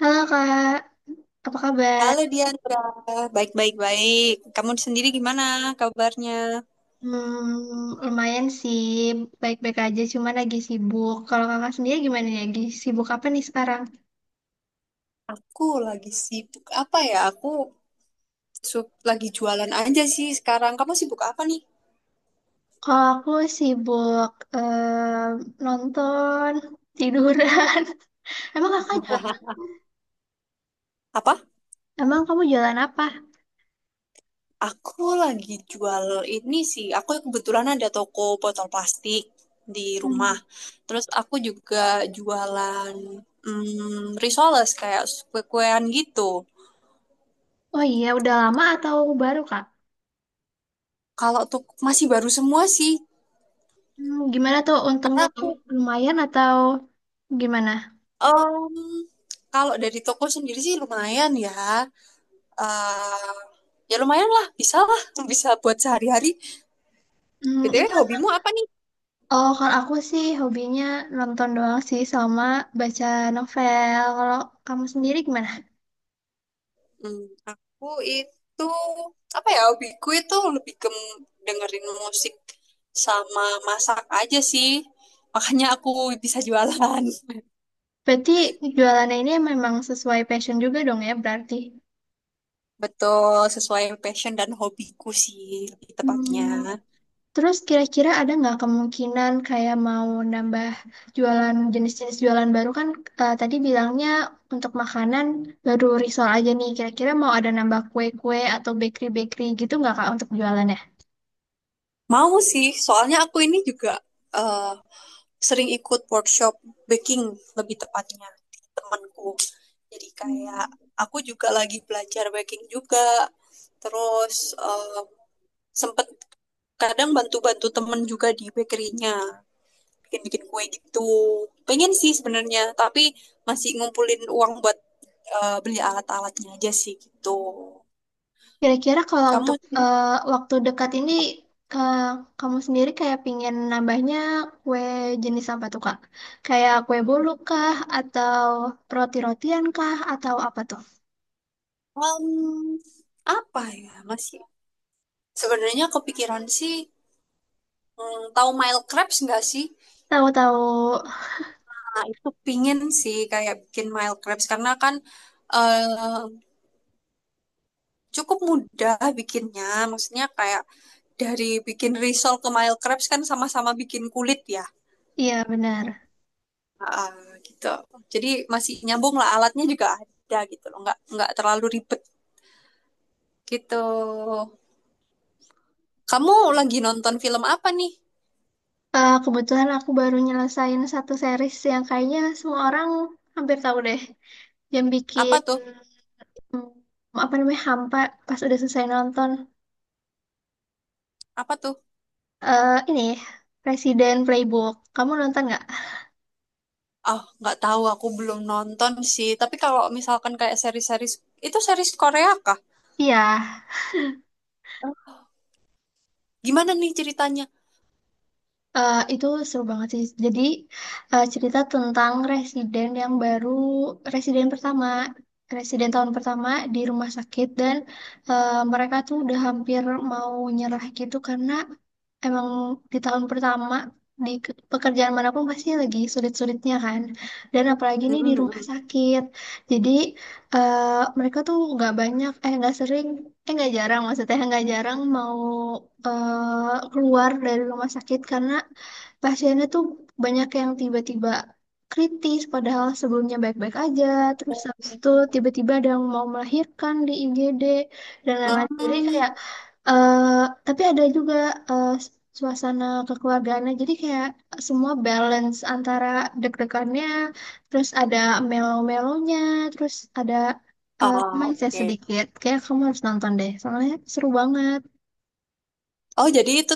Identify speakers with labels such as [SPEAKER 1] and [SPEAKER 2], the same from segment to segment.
[SPEAKER 1] Halo Kak, apa kabar?
[SPEAKER 2] Halo Diandra, baik-baik-baik. Kamu sendiri gimana kabarnya?
[SPEAKER 1] Lumayan sih, baik-baik aja, cuman lagi sibuk. Kalau kakak sendiri gimana nih? Lagi sibuk apa nih sekarang?
[SPEAKER 2] Aku lagi sibuk apa ya? Aku lagi jualan aja sih sekarang. Kamu sibuk apa nih?
[SPEAKER 1] Kalau aku sibuk em, nonton, tiduran. Emang kakak jualan?
[SPEAKER 2] Apa?
[SPEAKER 1] Emang kamu jualan apa?
[SPEAKER 2] Aku lagi jual ini sih. Aku kebetulan ada toko botol plastik di rumah.
[SPEAKER 1] Hmm.
[SPEAKER 2] Terus aku juga jualan risoles kayak kue-kuean gitu.
[SPEAKER 1] Oh iya, udah lama atau baru Kak?
[SPEAKER 2] Kalau tuh masih baru semua sih.
[SPEAKER 1] Gimana tuh
[SPEAKER 2] Karena
[SPEAKER 1] untungnya?
[SPEAKER 2] aku
[SPEAKER 1] Lumayan atau gimana?
[SPEAKER 2] Em, kalau dari toko sendiri sih lumayan ya. Eh, ya lumayan lah, bisa lah, bisa buat sehari-hari.
[SPEAKER 1] Hmm,
[SPEAKER 2] BTW
[SPEAKER 1] itu
[SPEAKER 2] hobimu apa nih?
[SPEAKER 1] Oh, kalau aku sih hobinya nonton doang sih sama baca novel. Kalau kamu sendiri gimana?
[SPEAKER 2] Hmm, aku itu apa ya? Hobiku itu lebih ke dengerin musik sama masak aja sih. Makanya aku bisa jualan.
[SPEAKER 1] Berarti jualannya ini memang sesuai passion juga dong ya berarti.
[SPEAKER 2] Betul, sesuai passion dan hobiku sih lebih tepatnya.
[SPEAKER 1] Hmm, terus kira-kira ada nggak kemungkinan kayak mau nambah jualan jenis-jenis jualan baru kan tadi bilangnya untuk makanan baru risol aja nih. Kira-kira mau ada nambah kue-kue atau bakery-bakery gitu nggak Kak untuk jualannya?
[SPEAKER 2] Mau sih, soalnya aku ini juga eh, sering ikut workshop baking lebih tepatnya di temanku. Jadi kayak
[SPEAKER 1] Hmm.
[SPEAKER 2] aku juga lagi belajar baking juga. Terus sempet kadang bantu-bantu temen juga di bakerynya bikin-bikin kue gitu. Pengen sih sebenarnya, tapi masih ngumpulin uang buat beli alat-alatnya aja sih gitu.
[SPEAKER 1] Kira-kira kalau
[SPEAKER 2] Kamu
[SPEAKER 1] untuk waktu dekat ini, ke kamu sendiri kayak pingin nambahnya kue jenis apa tuh, Kak? Kayak kue bolu kah? Atau roti-rotian kah? Atau apa tuh?
[SPEAKER 2] em, apa ya masih sebenarnya kepikiran sih, tahu Mile Crabs nggak sih?
[SPEAKER 1] Tahu-tahu,
[SPEAKER 2] Nah, itu pingin sih kayak bikin mild crepes karena kan eh, cukup mudah bikinnya. Maksudnya kayak dari bikin risol ke mild crepes kan sama-sama bikin kulit ya.
[SPEAKER 1] iya benar.
[SPEAKER 2] Ah, gitu. Jadi masih nyambung lah, alatnya juga ada gitu loh. Nggak terlalu ribet gitu. Kamu lagi nonton film apa nih?
[SPEAKER 1] Kebetulan aku baru nyelesain satu series yang kayaknya semua orang hampir tahu deh. Yang
[SPEAKER 2] Apa
[SPEAKER 1] bikin,
[SPEAKER 2] tuh?
[SPEAKER 1] apa namanya, hampa pas udah selesai nonton.
[SPEAKER 2] Apa tuh?
[SPEAKER 1] Eh, ini, Presiden Playbook. Kamu nonton nggak?
[SPEAKER 2] Oh, nggak tahu, aku belum nonton sih. Tapi kalau misalkan kayak seri-seri itu, series Korea kah?
[SPEAKER 1] Iya.
[SPEAKER 2] Gimana nih ceritanya?
[SPEAKER 1] Itu seru banget sih. Jadi cerita tentang residen yang baru, residen pertama, residen tahun pertama di rumah sakit dan mereka tuh udah hampir mau nyerah gitu karena emang di tahun pertama pekerjaan manapun pasti lagi sulit-sulitnya kan. Dan apalagi nih di rumah sakit. Jadi eh, mereka tuh nggak sering nggak jarang maksudnya nggak jarang mau keluar dari rumah sakit karena pasiennya tuh banyak yang tiba-tiba kritis padahal sebelumnya baik-baik aja terus habis itu tiba-tiba ada yang mau melahirkan di IGD dan lain-lain jadi
[SPEAKER 2] Hmm.
[SPEAKER 1] kayak eh tapi ada juga eh, suasana kekeluargaannya. Jadi kayak semua balance antara deg-degannya, terus ada melo-melonya, terus ada
[SPEAKER 2] Ah,
[SPEAKER 1] romance
[SPEAKER 2] oke.
[SPEAKER 1] sedikit. Kayak kamu harus nonton deh, soalnya seru banget.
[SPEAKER 2] Oh, jadi itu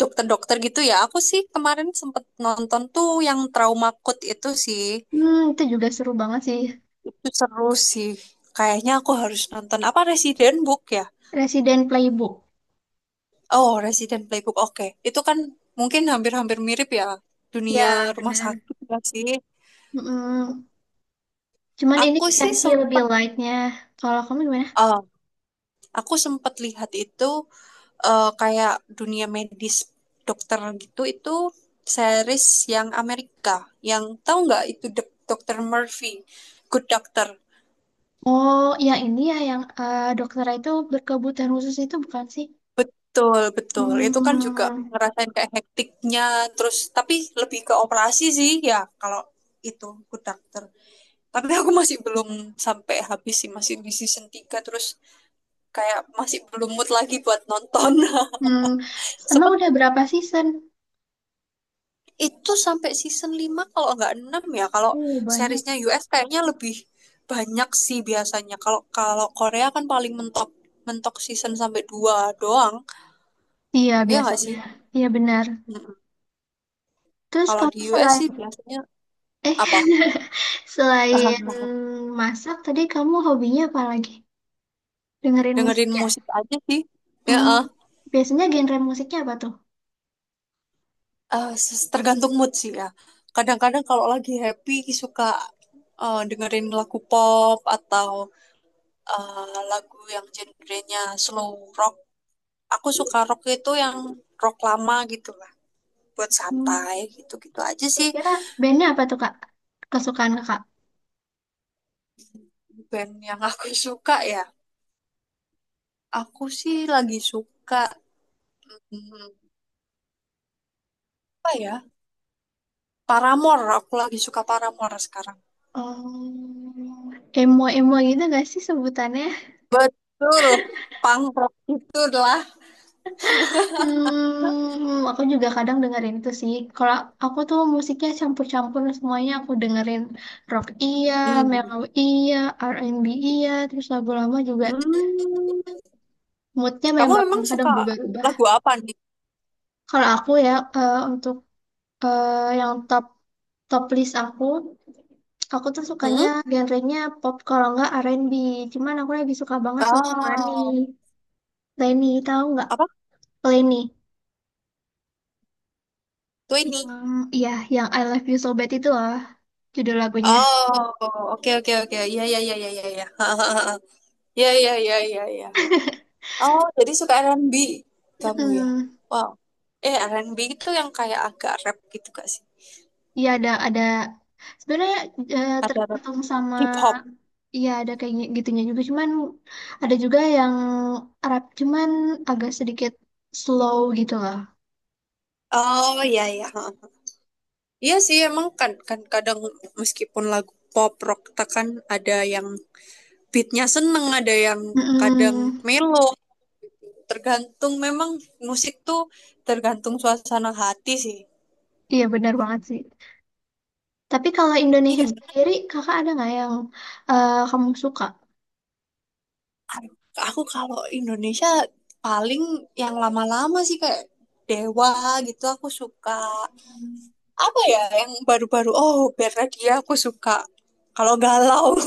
[SPEAKER 2] dokter-dokter gitu ya. Aku sih kemarin sempet nonton tuh yang Trauma Code itu sih.
[SPEAKER 1] Itu juga seru banget sih.
[SPEAKER 2] Itu seru sih. Kayaknya aku harus nonton apa, Resident Book ya?
[SPEAKER 1] Resident Playbook.
[SPEAKER 2] Oh, Resident Playbook. Oke. Itu kan mungkin hampir-hampir mirip ya, dunia
[SPEAKER 1] Ya,
[SPEAKER 2] rumah
[SPEAKER 1] benar.
[SPEAKER 2] sakit ya sih.
[SPEAKER 1] Mm-mm. Cuman ini
[SPEAKER 2] Aku sih
[SPEAKER 1] versi lebih
[SPEAKER 2] sempet
[SPEAKER 1] lightnya. Kalau kamu gimana?
[SPEAKER 2] eh, aku sempet lihat itu, kayak dunia medis dokter gitu, itu series yang Amerika, yang tahu nggak itu Dr. Murphy, Good Doctor.
[SPEAKER 1] Oh, yang ini ya, yang dokter itu berkebutuhan khusus itu bukan sih?
[SPEAKER 2] Betul, betul, itu kan juga
[SPEAKER 1] Hmm,
[SPEAKER 2] ngerasain kayak hektiknya, terus tapi lebih ke operasi sih ya kalau itu Good Doctor. Tapi aku masih belum sampai habis sih, masih di season 3, terus kayak masih belum mood lagi buat nonton.
[SPEAKER 1] hmm, emang udah berapa season?
[SPEAKER 2] Itu sampai season 5 kalau nggak 6 ya. Kalau
[SPEAKER 1] Oh, banyak.
[SPEAKER 2] seriesnya US kayaknya lebih banyak sih biasanya. Kalau kalau Korea kan paling mentok mentok season sampai 2 doang.
[SPEAKER 1] Iya,
[SPEAKER 2] Ya nggak sih?
[SPEAKER 1] biasanya. Iya, benar.
[SPEAKER 2] Mm-mm.
[SPEAKER 1] Terus
[SPEAKER 2] Kalau di
[SPEAKER 1] kamu
[SPEAKER 2] US
[SPEAKER 1] selain
[SPEAKER 2] sih biasanya
[SPEAKER 1] eh
[SPEAKER 2] apa?
[SPEAKER 1] selain masak tadi kamu hobinya apa lagi? Dengerin musik
[SPEAKER 2] Dengerin
[SPEAKER 1] ya?
[SPEAKER 2] musik aja sih. Ya,
[SPEAKER 1] Hmm,
[SPEAKER 2] eh.
[SPEAKER 1] biasanya genre musiknya apa tuh?
[SPEAKER 2] Tergantung mood sih ya. Kadang-kadang kalau lagi happy suka dengerin lagu pop, atau lagu yang genrenya slow rock. Aku suka rock, itu yang rock lama gitu lah, buat
[SPEAKER 1] Hmm.
[SPEAKER 2] santai gitu-gitu aja sih.
[SPEAKER 1] Kira-kira bandnya apa tuh, Kak? Kesukaan Kakak?
[SPEAKER 2] Band yang aku suka ya, aku sih lagi suka, hmm, apa ya, Paramore. Aku lagi suka Paramore sekarang.
[SPEAKER 1] Oh, emo-emo gitu gak sih sebutannya?
[SPEAKER 2] Betul, punk rock itu lah
[SPEAKER 1] Aku juga kadang dengerin itu sih. Kalau aku tuh musiknya campur-campur semuanya. Aku dengerin rock iya,
[SPEAKER 2] hmm.
[SPEAKER 1] mellow iya, R&B iya, terus lagu lama juga.
[SPEAKER 2] Hmm.
[SPEAKER 1] Moodnya
[SPEAKER 2] Kamu
[SPEAKER 1] memang
[SPEAKER 2] memang
[SPEAKER 1] kadang
[SPEAKER 2] suka
[SPEAKER 1] berubah-ubah.
[SPEAKER 2] lagu apa nih
[SPEAKER 1] Kalau aku ya eh, untuk yang top top list aku tuh sukanya
[SPEAKER 2] hmm?
[SPEAKER 1] genrenya pop kalau nggak R&B. Cuman aku lagi suka banget sama Lani.
[SPEAKER 2] Oh,
[SPEAKER 1] Leni, tahu nggak?
[SPEAKER 2] apa?
[SPEAKER 1] Leni.
[SPEAKER 2] Twenty?
[SPEAKER 1] Yang, iya, yang I Love You So Bad itu loh, judul lagunya.
[SPEAKER 2] Oh, oke, oke, oke, iya, iya, iya, iya, iya. Iya, iya, iya, iya, iya. Oh, jadi suka R&B kamu ya?
[SPEAKER 1] Mm-mm.
[SPEAKER 2] Wow. Eh, R&B itu yang kayak agak rap gitu gak sih?
[SPEAKER 1] Iya ada sebenarnya eh,
[SPEAKER 2] Ada rap
[SPEAKER 1] tergantung sama
[SPEAKER 2] hip hop.
[SPEAKER 1] iya ada kayak gitunya juga cuman ada juga yang Arab cuman agak sedikit slow gitu loh.
[SPEAKER 2] Oh, iya iya. Heeh. Iya sih, emang kan kan kadang, meskipun lagu pop rock tak kan, ada yang beatnya seneng, ada yang kadang
[SPEAKER 1] Mm-mm.
[SPEAKER 2] melo. Tergantung, memang musik tuh tergantung suasana hati sih.
[SPEAKER 1] Iya benar banget sih. Tapi kalau
[SPEAKER 2] Ini
[SPEAKER 1] Indonesia
[SPEAKER 2] gimana?
[SPEAKER 1] sendiri kakak ada nggak yang kamu suka?
[SPEAKER 2] Aduh, aku kalau Indonesia paling yang lama-lama sih kayak Dewa gitu aku suka. Apa ya yang baru-baru, oh Bernadia aku suka kalau galau.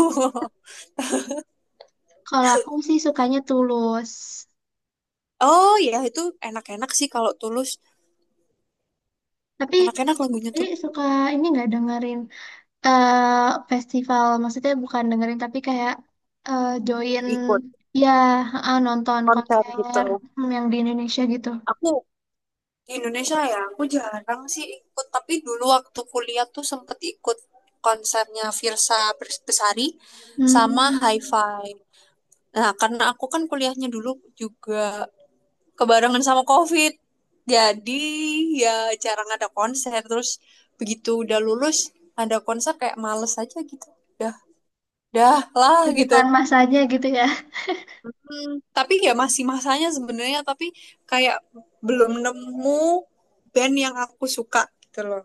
[SPEAKER 1] Kalau aku sih sukanya Tulus.
[SPEAKER 2] Oh ya, itu enak-enak sih kalau Tulus,
[SPEAKER 1] Tapi
[SPEAKER 2] enak-enak lagunya
[SPEAKER 1] ini
[SPEAKER 2] tuh.
[SPEAKER 1] suka ini nggak dengerin festival maksudnya bukan dengerin tapi kayak join
[SPEAKER 2] Ikut
[SPEAKER 1] ya nonton
[SPEAKER 2] konser
[SPEAKER 1] konser
[SPEAKER 2] gitu.
[SPEAKER 1] yang di Indonesia gitu.
[SPEAKER 2] Aku di Indonesia ya, aku jarang sih ikut, tapi dulu waktu kuliah tuh sempet ikut konsernya Virsa Besari sama
[SPEAKER 1] Hmm,
[SPEAKER 2] Hi-Fi. Nah, karena aku kan kuliahnya dulu juga kebarengan sama COVID. Jadi ya jarang ada konser. Terus begitu udah lulus, ada konser kayak males aja gitu. Dah, dah lah gitu.
[SPEAKER 1] bukan masanya gitu ya.
[SPEAKER 2] Hmm, tapi ya masih masanya sebenarnya, tapi kayak belum nemu band yang aku suka gitu loh.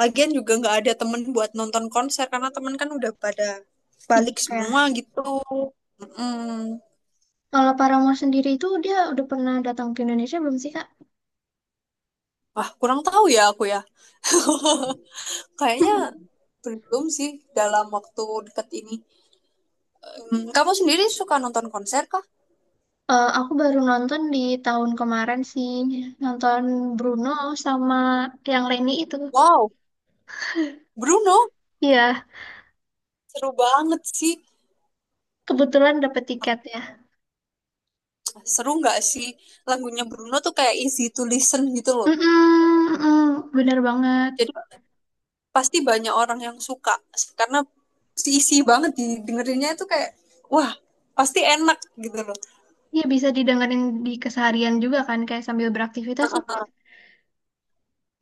[SPEAKER 2] Lagian juga nggak ada temen buat nonton konser karena temen kan udah pada balik
[SPEAKER 1] Sibuk
[SPEAKER 2] semua
[SPEAKER 1] ya.
[SPEAKER 2] gitu. Mm-mm.
[SPEAKER 1] Kalau Paramore sendiri itu dia udah pernah datang ke Indonesia belum sih Kak?
[SPEAKER 2] Wah, kurang tahu ya aku ya. Kayaknya belum sih dalam waktu dekat ini. Kamu sendiri suka nonton konser kah?
[SPEAKER 1] Aku baru nonton di tahun kemarin sih, nonton Bruno sama yang Lenny itu.
[SPEAKER 2] Wow, Bruno,
[SPEAKER 1] Iya,
[SPEAKER 2] seru banget sih.
[SPEAKER 1] kebetulan dapet tiket ya.
[SPEAKER 2] Seru nggak sih? Lagunya Bruno tuh kayak easy to listen gitu loh.
[SPEAKER 1] Mm-mm, mm-mm, bener banget.
[SPEAKER 2] Jadi pasti banyak orang yang suka, karena isi banget didengerinnya itu kayak wah, pasti enak gitu loh.
[SPEAKER 1] Iya bisa didengerin di keseharian juga kan kayak sambil beraktivitas tuh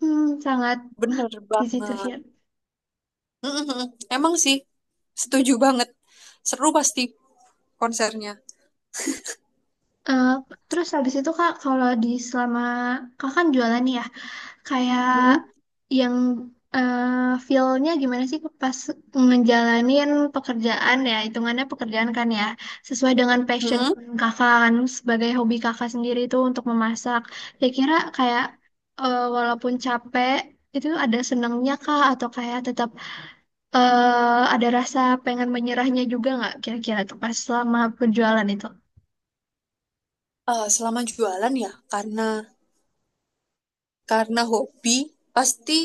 [SPEAKER 1] sangat
[SPEAKER 2] Bener
[SPEAKER 1] di situ sih.
[SPEAKER 2] banget. Mm-mm-mm. Emang sih, setuju banget. Seru pasti konsernya.
[SPEAKER 1] Eh, terus habis itu Kak kalau di selama kak kan jualan nih ya kayak
[SPEAKER 2] Mm-mm.
[SPEAKER 1] yang eh feel-nya gimana sih pas ngejalanin pekerjaan ya hitungannya pekerjaan kan ya sesuai dengan passion
[SPEAKER 2] Mm-mm.
[SPEAKER 1] Kakak kan sebagai hobi Kakak sendiri itu untuk memasak. Saya kira kayak walaupun capek itu ada senangnya kak atau kayak tetap ada rasa pengen menyerahnya juga nggak kira-kira tuh pas selama penjualan itu?
[SPEAKER 2] Eh, selama jualan ya, karena hobi, pasti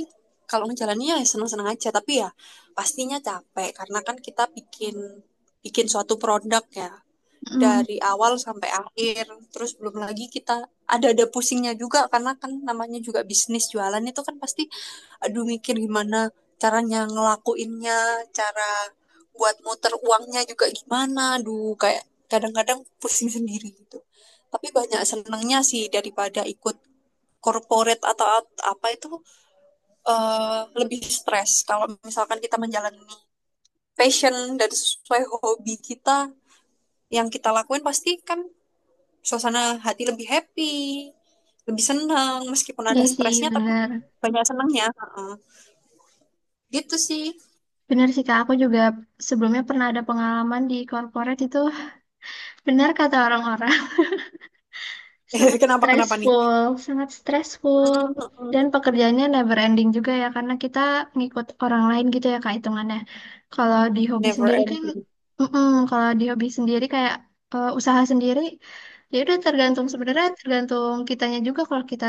[SPEAKER 2] kalau ngejalannya ya seneng-seneng aja, tapi ya pastinya capek karena kan kita bikin bikin suatu produk ya,
[SPEAKER 1] Hmm,
[SPEAKER 2] dari awal sampai akhir. Terus belum lagi kita ada pusingnya juga, karena kan namanya juga bisnis jualan itu kan pasti, aduh, mikir gimana caranya ngelakuinnya, cara buat muter uangnya juga gimana, aduh, kayak kadang-kadang pusing sendiri gitu. Tapi banyak senangnya sih daripada ikut corporate atau apa itu, lebih stres. Kalau misalkan kita menjalani passion dan sesuai hobi kita yang kita lakuin, pasti kan suasana hati lebih happy, lebih senang, meskipun
[SPEAKER 1] iya
[SPEAKER 2] ada
[SPEAKER 1] sih
[SPEAKER 2] stresnya tapi
[SPEAKER 1] benar.
[SPEAKER 2] banyak senangnya. Heeh. Gitu sih.
[SPEAKER 1] Benar sih Kak, aku juga sebelumnya pernah ada pengalaman di corporate itu benar kata orang-orang
[SPEAKER 2] Kenapa kenapa nih?
[SPEAKER 1] sangat stressful
[SPEAKER 2] Mm-mm.
[SPEAKER 1] dan pekerjaannya never ending juga ya karena kita ngikut orang lain gitu ya Kak hitungannya. Kalau di hobi
[SPEAKER 2] Never
[SPEAKER 1] sendiri kan
[SPEAKER 2] ending.
[SPEAKER 1] mm-mm, kalau di hobi sendiri kayak usaha sendiri ya udah tergantung sebenarnya tergantung kitanya juga kalau kita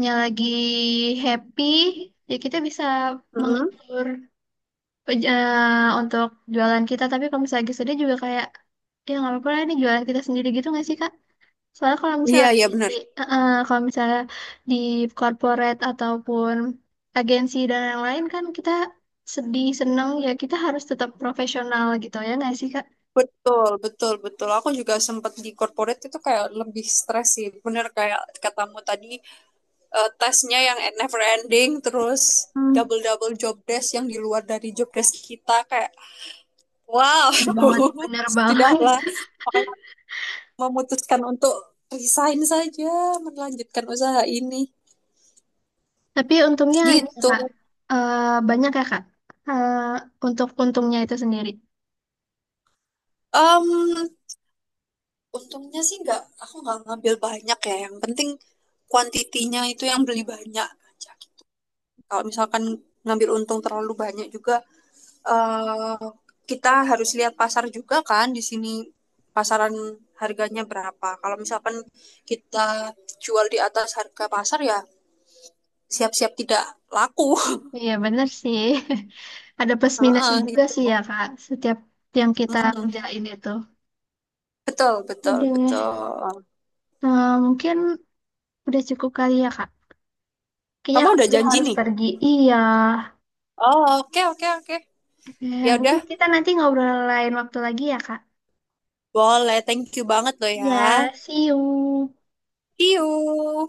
[SPEAKER 1] nya lagi happy, ya kita bisa
[SPEAKER 2] Mm-mm.
[SPEAKER 1] mengatur untuk jualan kita. Tapi kalau misalnya lagi sedih juga kayak, ya nggak apa-apa lah ini jualan kita sendiri gitu nggak sih Kak? Soalnya kalau misalnya
[SPEAKER 2] Iya
[SPEAKER 1] di,
[SPEAKER 2] iya benar.
[SPEAKER 1] kalau misalnya di corporate ataupun agensi dan yang lain kan kita sedih, seneng, ya kita harus tetap profesional gitu ya nggak sih Kak?
[SPEAKER 2] Betul, betul, betul. Aku juga sempat di corporate itu kayak lebih stres sih. Bener kayak katamu tadi, tesnya yang never ending, terus
[SPEAKER 1] Hmm,
[SPEAKER 2] double double job desk yang di luar dari job desk kita, kayak wow.
[SPEAKER 1] bener banget. Bener banget.
[SPEAKER 2] Sudahlah, makanya memutuskan untuk resign saja, melanjutkan usaha ini
[SPEAKER 1] Tapi untungnya gitu,
[SPEAKER 2] gitu.
[SPEAKER 1] Kak. Eh, banyak ya, Kak. Eh, untuk untungnya itu sendiri.
[SPEAKER 2] Um untungnya sih nggak, aku nggak ngambil banyak ya, yang penting kuantitinya itu yang beli banyak aja. Kalau misalkan ngambil untung terlalu banyak juga, eh, kita harus lihat pasar juga kan, di sini pasaran harganya berapa. Kalau misalkan kita jual di atas harga pasar, ya siap-siap tidak laku.
[SPEAKER 1] Iya, benar sih. Ada plus minusnya
[SPEAKER 2] Heeh,
[SPEAKER 1] juga
[SPEAKER 2] gitu.
[SPEAKER 1] sih ya, Kak. Setiap yang kita
[SPEAKER 2] Mm-mm.
[SPEAKER 1] kerjain itu.
[SPEAKER 2] Betul,
[SPEAKER 1] Oke
[SPEAKER 2] betul,
[SPEAKER 1] deh.
[SPEAKER 2] betul.
[SPEAKER 1] Mungkin udah cukup kali ya, Kak. Kayaknya
[SPEAKER 2] Kamu
[SPEAKER 1] aku
[SPEAKER 2] ada
[SPEAKER 1] sudah
[SPEAKER 2] janji
[SPEAKER 1] harus
[SPEAKER 2] nih?
[SPEAKER 1] pergi. Iya.
[SPEAKER 2] Oh, oke, oke, oke. Ya udah,
[SPEAKER 1] Mungkin kita nanti ngobrol lain waktu lagi ya, Kak.
[SPEAKER 2] boleh. Thank you banget loh ya.
[SPEAKER 1] Ya, see you.
[SPEAKER 2] See you.